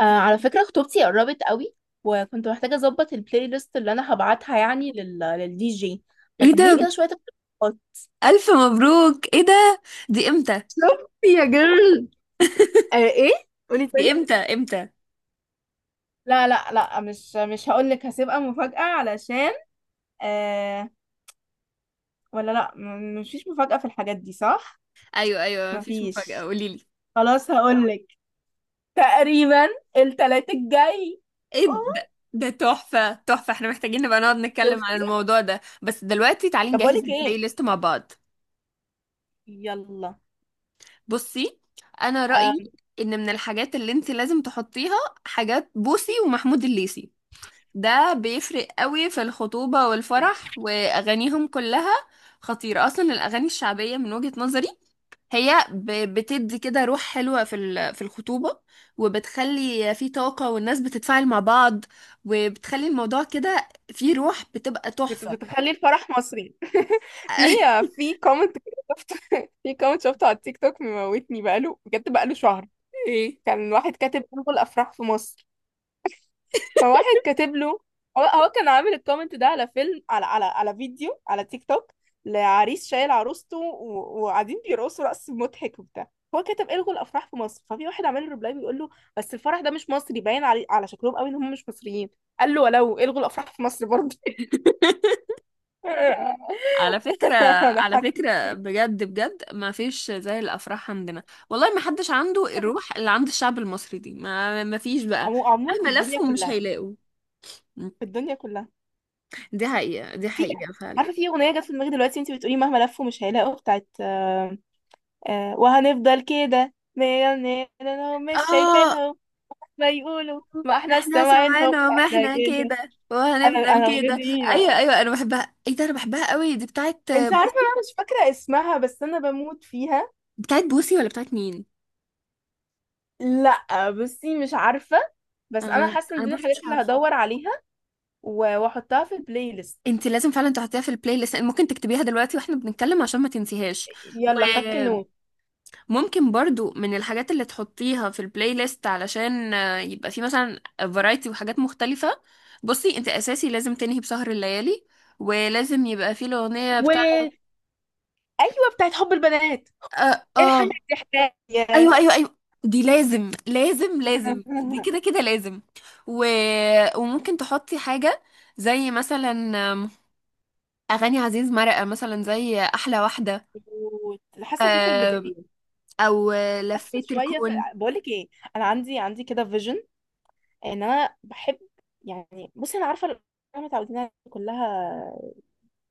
آه، على فكرة خطوبتي قربت قوي. وكنت محتاجة اظبط البلاي ليست اللي انا هبعتها، يعني للدي جي. ما ايه تديني كده ده شوية اقتراحات؟ الف مبروك! ايه ده؟ دي امتى؟ شوفي يا جيرل. آه، ايه؟ قولي تاني. دي امتى امتى؟ لا، لا، لا، مش هقول لك، هسيبها مفاجأة علشان. آه. ولا، لا، مفيش مفاجأة في الحاجات دي، صح؟ ايوه ايوه، مفيش مفاجأة، مفيش. قولي لي. خلاص هقول لك. تقريبا التلات الجاي. ايه أوه، ده تحفة تحفة، احنا محتاجين نبقى نقعد نتكلم عن شفتي؟ الموضوع ده، بس دلوقتي تعالي طب اقول نجهز لك البلاي ايه، ليست مع بعض. يلا. بصي، انا آم، رأيي ان من الحاجات اللي انت لازم تحطيها حاجات بوسي ومحمود الليثي. ده بيفرق قوي في الخطوبة والفرح، واغانيهم كلها خطيرة اصلا. الاغاني الشعبية من وجهة نظري، هي بتدي كده روح حلوة في في الخطوبة، وبتخلي في طاقة، والناس بتتفاعل مع بعض، وبتخلي الموضوع كده فيه روح بتبقى تحفة. بتخلي الفرح مصري. في في كومنت كده شفته في كومنت شفته على التيك توك مموتني، بقاله بجد، بقاله شهر. ايه، كان واحد كاتب: انغل افراح في مصر. فواحد كاتب له. هو هو كان عامل الكومنت ده على فيلم، على فيديو على تيك توك، لعريس شايل عروسته وقاعدين بيرقصوا رقص مضحك وبتاع. هو كاتب: الغوا الافراح في مصر. ففي واحد عامل له ريبلاي بيقول له: بس الفرح ده مش مصري، باين على شكلهم قوي ان هم مش مصريين. قال له: ولو، الغوا الافراح في مصر برضه. على فكرة، انا على حاجة- فكرة، بجد بجد ما فيش زي الأفراح عندنا. والله ما حدش عنده الروح اللي عند الشعب المصري دي، ما فيش بقى. عموما في مهما الدنيا لفوا مش كلها. هيلاقوا. في الدنيا كلها. دي حقيقة، دي في حقيقة فعلا. عارفه، في اغنيه جت في دماغي دلوقتي انت بتقولي مهما لفوا مش هيلاقوا، بتاعت وهنفضل كده مليونيرهم مش اه، شايفينهم، ما يقولوا ما احنا احنا سامعينهم، سمعنا احنا ومحنا كده. كده انا وهنفضل الاغنيه كده. دي. ايوه ايوه، انا بحبها، ايه ده، انا بحبها قوي، دي بتاعت انت عارفه، بوسي. انا مش فاكره اسمها، بس انا بموت فيها. بتاعت بوسي ولا بتاعت مين؟ لا، بصي، مش عارفه. بس انا انا حاسه ان انا دي برضو الحاجات مش اللي عارفه. هدور عليها واحطها في البلاي ليست. انت لازم فعلا تحطيها في البلاي ليست، ممكن تكتبيها دلوقتي واحنا بنتكلم عشان ما تنسيهاش. يلا، خدت وممكن نوت. برضو، من الحاجات اللي تحطيها في البلاي ليست علشان يبقى في مثلا فرايتي وحاجات مختلفه. بصي، انت اساسي لازم تنهي بسهر الليالي، ولازم يبقى في الاغنيه و بتاعت ايوه، بتاعت حب البنات. اه, ايه الحاجه آه. دي، حكايه! ايوه ايوه ايوه، دي لازم لازم لازم، دي كده كده لازم. و... وممكن تحطي حاجه، زي مثلا آم، اغاني عزيز مرقه، مثلا زي احلى واحده، مظبوط. حاسه دي في آم، البدايه. او حاسه لفيت شويه في. الكون. بقول لك ايه، انا عندي كده فيجن ان انا بحب. يعني بصي، انا عارفه احنا متعودين على كلها،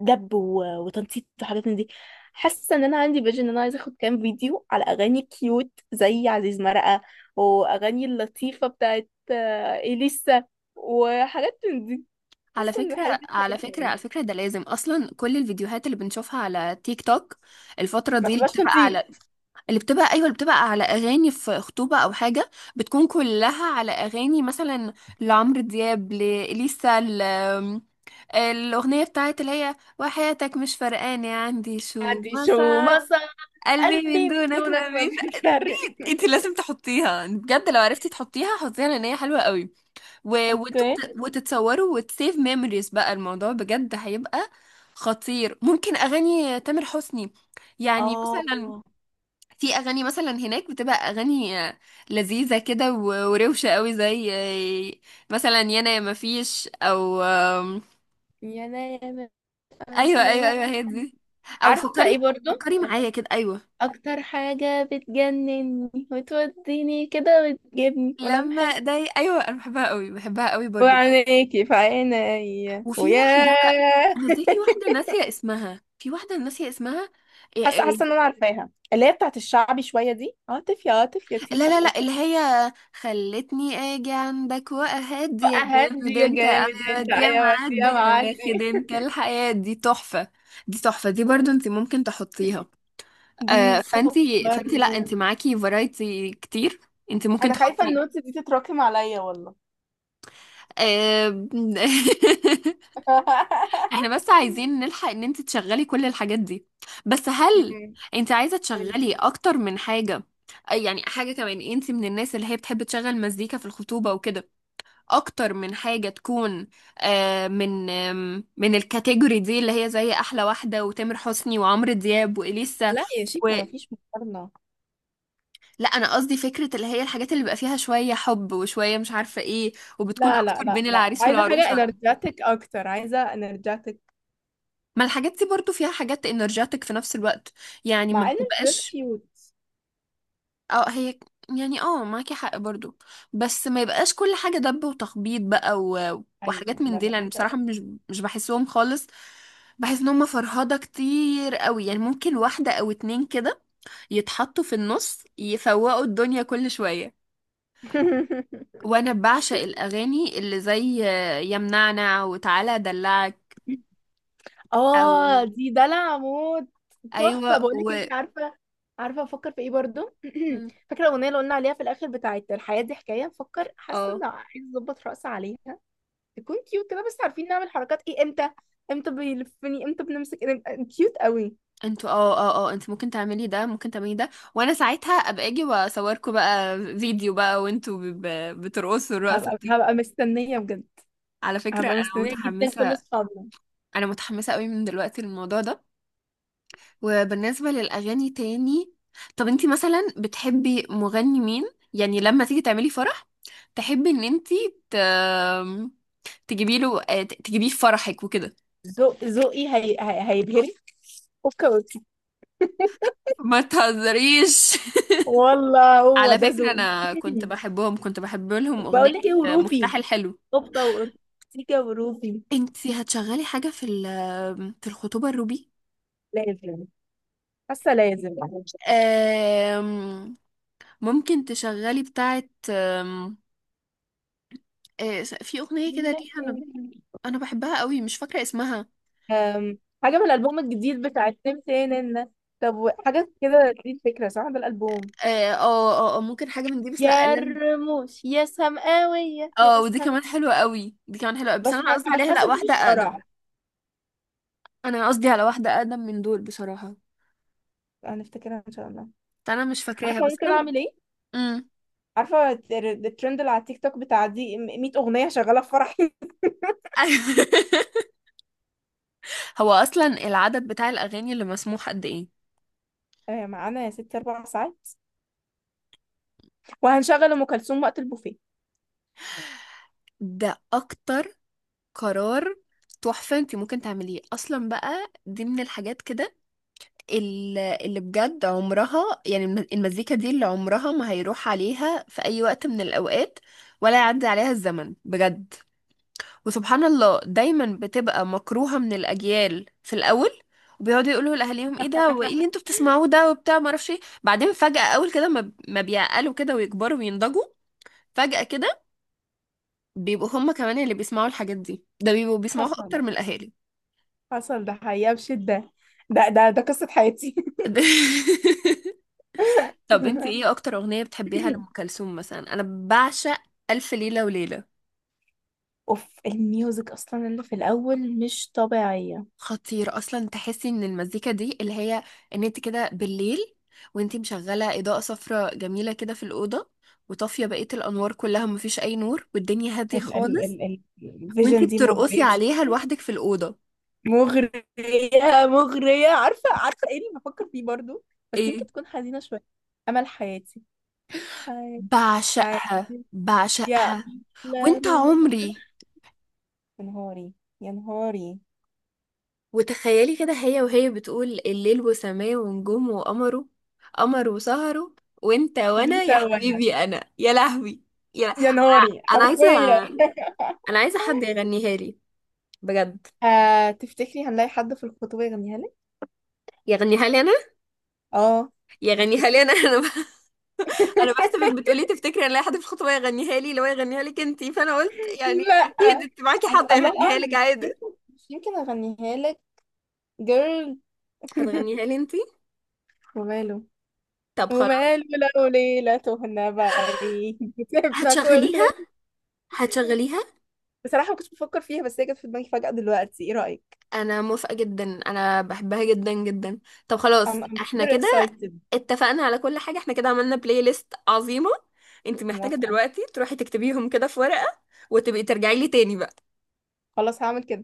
دب وتنطيط وحاجات من دي. حاسه ان انا عندي فيجن ان انا عايزه اخد كام فيديو على اغاني كيوت زي عزيز مرقه، واغاني اللطيفه بتاعت اليسا، وحاجات من دي. على حاسه ان فكره، الحاجات دي على بتعجبني فكره، قوي. على فكره، ده لازم اصلا، كل الفيديوهات اللي بنشوفها على تيك توك الفتره ما دي اللي بتبقاش بتبقى تنطيط. على، اللي بتبقى ايوه، اللي بتبقى على اغاني في خطوبه او حاجه، بتكون كلها على اغاني مثلا لعمرو دياب، لإليسا. الأغنية بتاعت اللي هي: وحياتك مش فرقاني عندي شو عندي ما شو صار، مصر، قلبي من قلبي من دونك ما دونك ما بيفقد. بيفرق. انت لازم تحطيها بجد، لو عرفتي تحطيها حطيها، لان هي حلوة قوي. و... وانتوا اوكي. وتتصوروا وتسيف ميموريز، بقى الموضوع بجد هيبقى خطير. ممكن أغاني تامر حسني، يعني اه، مثلا، في أغاني مثلا هناك بتبقى أغاني لذيذة كده و- وروشة قوي، زي مثلا يانا يا مفيش، أو يا نايمة ايوه ايوه مسلمة. ايوه، هي دي. او عارفة ايه فكري برضو؟ فكري معايا كده، ايوه. أكتر حاجة بتجنني وتوديني كده وتجيبني ولم حاجة، لما ده، ايوه، انا بحبها قوي بحبها قوي برضو. وعينيكي في عيني، وفي واحده، وياه. انا زي في واحده ناسيه اسمها، في واحده ناسيه اسمها، إيه حاسة إيه. حاسة ان انا عارفاها، اللي هي بتاعت الشعبي شوية، دي عاطف، يا عاطف يا لا تيفا لا يا. لا، اللي هي: خلتني اجي عندك واهدي بقى يا هادي جامد يا انت، جامد ايوه انت، دي، يا ايوه دي، يا معدي يا معدي. واخد انت الحياه، دي تحفه، دي تحفه، دي برضو انت ممكن تحطيها. دي فانت سكر. فانت لا انت معاكي فرايتي كتير، انت ممكن انا خايفة تحطي النوتس دي تتراكم عليا والله. آه، احنا بس عايزين نلحق ان انت تشغلي كل الحاجات دي، بس هل انت عايزة مم. تشغلي اكتر من حاجة؟ يعني حاجة كمان، انت من الناس اللي هي بتحب تشغل مزيكا في الخطوبة وكده، اكتر من حاجة، تكون من من الكاتيجوري دي اللي هي زي احلى واحدة وتامر حسني وعمرو دياب وإليسا. لا يا شيخة، و... مفيش مقارنة. لا، انا قصدي فكرة اللي هي: الحاجات اللي بيبقى فيها شوية حب وشوية مش عارفة ايه، وبتكون لا، لا، اكتر لا، بين لا، العريس عايزة حاجة والعروسة. انرجاتك اكتر، عايزة انرجاتك. ما الحاجات دي برضو فيها حاجات انرجاتك في نفس الوقت، يعني ما مع ان الدريس بتبقاش. كيوت. اه هي، يعني اه، معاكي حق برضو، بس ما يبقاش كل حاجة دب وتخبيط بقى و... ايوه، وحاجات من دي، لا، لان شرط بصراحة مش اساسي. مش بحسهم خالص. بحس ان هم فرهضة كتير قوي، يعني ممكن واحدة او اتنين كده يتحطوا في النص يفوقوا الدنيا كل شوية. وانا بعشق الاغاني اللي زي يمنعنا، وتعالى ادلعك، اه، او، دي دلع موت. ايوه، تحفة، بقولك، و انت عارفة، عارفة افكر في ايه برضو؟ مم. فاكرة الاغنية اللي قلنا عليها في الاخر، بتاعت الحياة دي حكاية، بفكر، حاسة اه، ان عايز اظبط رأسي عليها تكون كيوت كده، بس عارفين نعمل حركات ايه؟ امتى، امتى بيلفني، امتى بنمسك إيه؟ كيوت قوي. انتوا، اه اه اه، انت ممكن تعملي ده، ممكن تعملي ده، وانا ساعتها ابقى اجي واصوركم بقى فيديو بقى، وانتوا بترقصوا الرقصه هبقى دي. هبقى مستنية بجد. على فكره، هبقى انا مستنية جدا، كل متحمسه، اصحابنا. انا متحمسه قوي من دلوقتي للموضوع ده. وبالنسبه للاغاني تاني، طب انت مثلا بتحبي مغني مين يعني، لما تيجي تعملي فرح، تحبي ان انت ت... تجيبي له، تجيبيه في فرحك وكده. ذوقي هيبهرك. اوكي، اوكي. ما تهزريش. والله هو على ده فكره، ذوقي. انا كنت بحب لهم اغنيه: بقول لك ايه؟ مفتاح وروبي، الحلو. اوبا وأورتيجا وروبي. انتي هتشغلي حاجة في الخطوبة، الروبي؟ لازم، حاسة لازم. آم، ممكن تشغلي بتاعة آم، آه، في أغنية كده ليها، أنا بحبها قوي، مش فاكرة اسمها. أم... حاجة من الألبوم الجديد بتاع التمتين. طب، حاجة كده، دي الفكرة صح، ده الألبوم. اه اه، ممكن حاجة من دي، بس لا يا الرموش، يا سماوية، اه، يا ودي سم كمان حلوة قوي، دي كمان حلوة قوي. بس أنا قصدي بس عليها حاسة لا، دي واحدة مش فرح. أقدم. أنا قصدي على واحدة أقدم من دول بصراحة، هنفتكرها إن شاء الله. أنا مش فاكراها، عارفة بس ممكن أنا أعمل إيه؟ مم. عارفة الترند اللي على التيك توك بتاع دي 100 أغنية شغالة في فرحي. هو أصلا العدد بتاع الأغاني اللي مسموح قد إيه؟ معانا يا ستي 4 ساعات، وهنشغل أم كلثوم وقت البوفيه. ده أكتر. قرار تحفة انت ممكن تعمليه اصلا بقى، دي من الحاجات كده، اللي بجد عمرها، يعني المزيكا دي اللي عمرها ما هيروح عليها في اي وقت من الاوقات، ولا يعدي عليها الزمن بجد. وسبحان الله دايما بتبقى مكروهة من الاجيال في الاول، وبيقعدوا يقولوا لاهاليهم ايه ده وايه اللي انتوا بتسمعوه ده وبتاع، ما اعرفش ايه. بعدين فجأة، اول كده ما بيعقلوا كده ويكبروا وينضجوا، فجأة كده بيبقوا هم كمان اللي بيسمعوا الحاجات دي، ده بيبقوا بيسمعوها اكتر حصل. من الاهالي. حصل، ده حقيقة بشدة. ده قصة حياتي. طب، انت ايه اكتر اغنية بتحبيها لأم كلثوم مثلا؟ انا بعشق الف ليلة وليلة. اوف، الميوزك اصلا اللي في الاول مش طبيعية. خطير اصلا، تحسي ان المزيكا دي اللي هي، ان انت كده بالليل، وانت مشغلة اضاءة صفراء جميلة كده في الأوضة، وطافية بقية الانوار كلها، مفيش اي نور والدنيا هادية ال ال خالص، ال وانت الفيجن دي بترقصي مغرية عليها لوحدك في الأوضة. مغرية، مغرية. عارفة، عارفة ايه اللي بفكر فيه برضو؟ بس يمكن ايه؟ تكون حزينة شوية. امل حياتي، حياتي بعشقها يا بعشقها، أحلى وانت من، عمري. يا نهاري، يا نهاري، وتخيلي كده هي وهي بتقول: الليل وسماه ونجوم وقمره، قمر وسهره، وانت وانا وانت يا وانا، حبيبي، انا يا لهوي، يا له... يا نهاري، انا عايزه، حرفيا. انا عايزه حد يغنيها لي، بجد. تفتكري هنلاقي حد في الخطوبة يغنيها لك؟ يغنيها لي انا، اه. يغنيها لي تفتكري؟ انا. انا انا بحسبك بتقولي تفتكري ان لاقي حد في الخطوه يغنيها لي، لو يغنيها لك انتي، فانا قلت يعني لا، اكيد انت معاكي حد الله يغنيها لك أعلم، مش عادي. يمكن، مش يمكن أغنيها لك. جيرل. هتغنيها لي انتي؟ وماله، طب خلاص. وماله. لو ليلة تهنا بعيد سيبنا كل. هتشغليها، هتشغليها. بصراحة ما كنتش بفكر فيها، بس هي جت في دماغي فجأة دلوقتي، ايه رأيك؟ انا موافقة جدا، انا بحبها جدا جدا. طب خلاص، I'm احنا super كده excited. اتفقنا على كل حاجة، احنا كده عملنا بلاي ليست عظيمة. انت أنا محتاجة موافقة. دلوقتي تروحي تكتبيهم كده في ورقة، وتبقي ترجعي لي تاني بقى. خلاص، هعمل كده.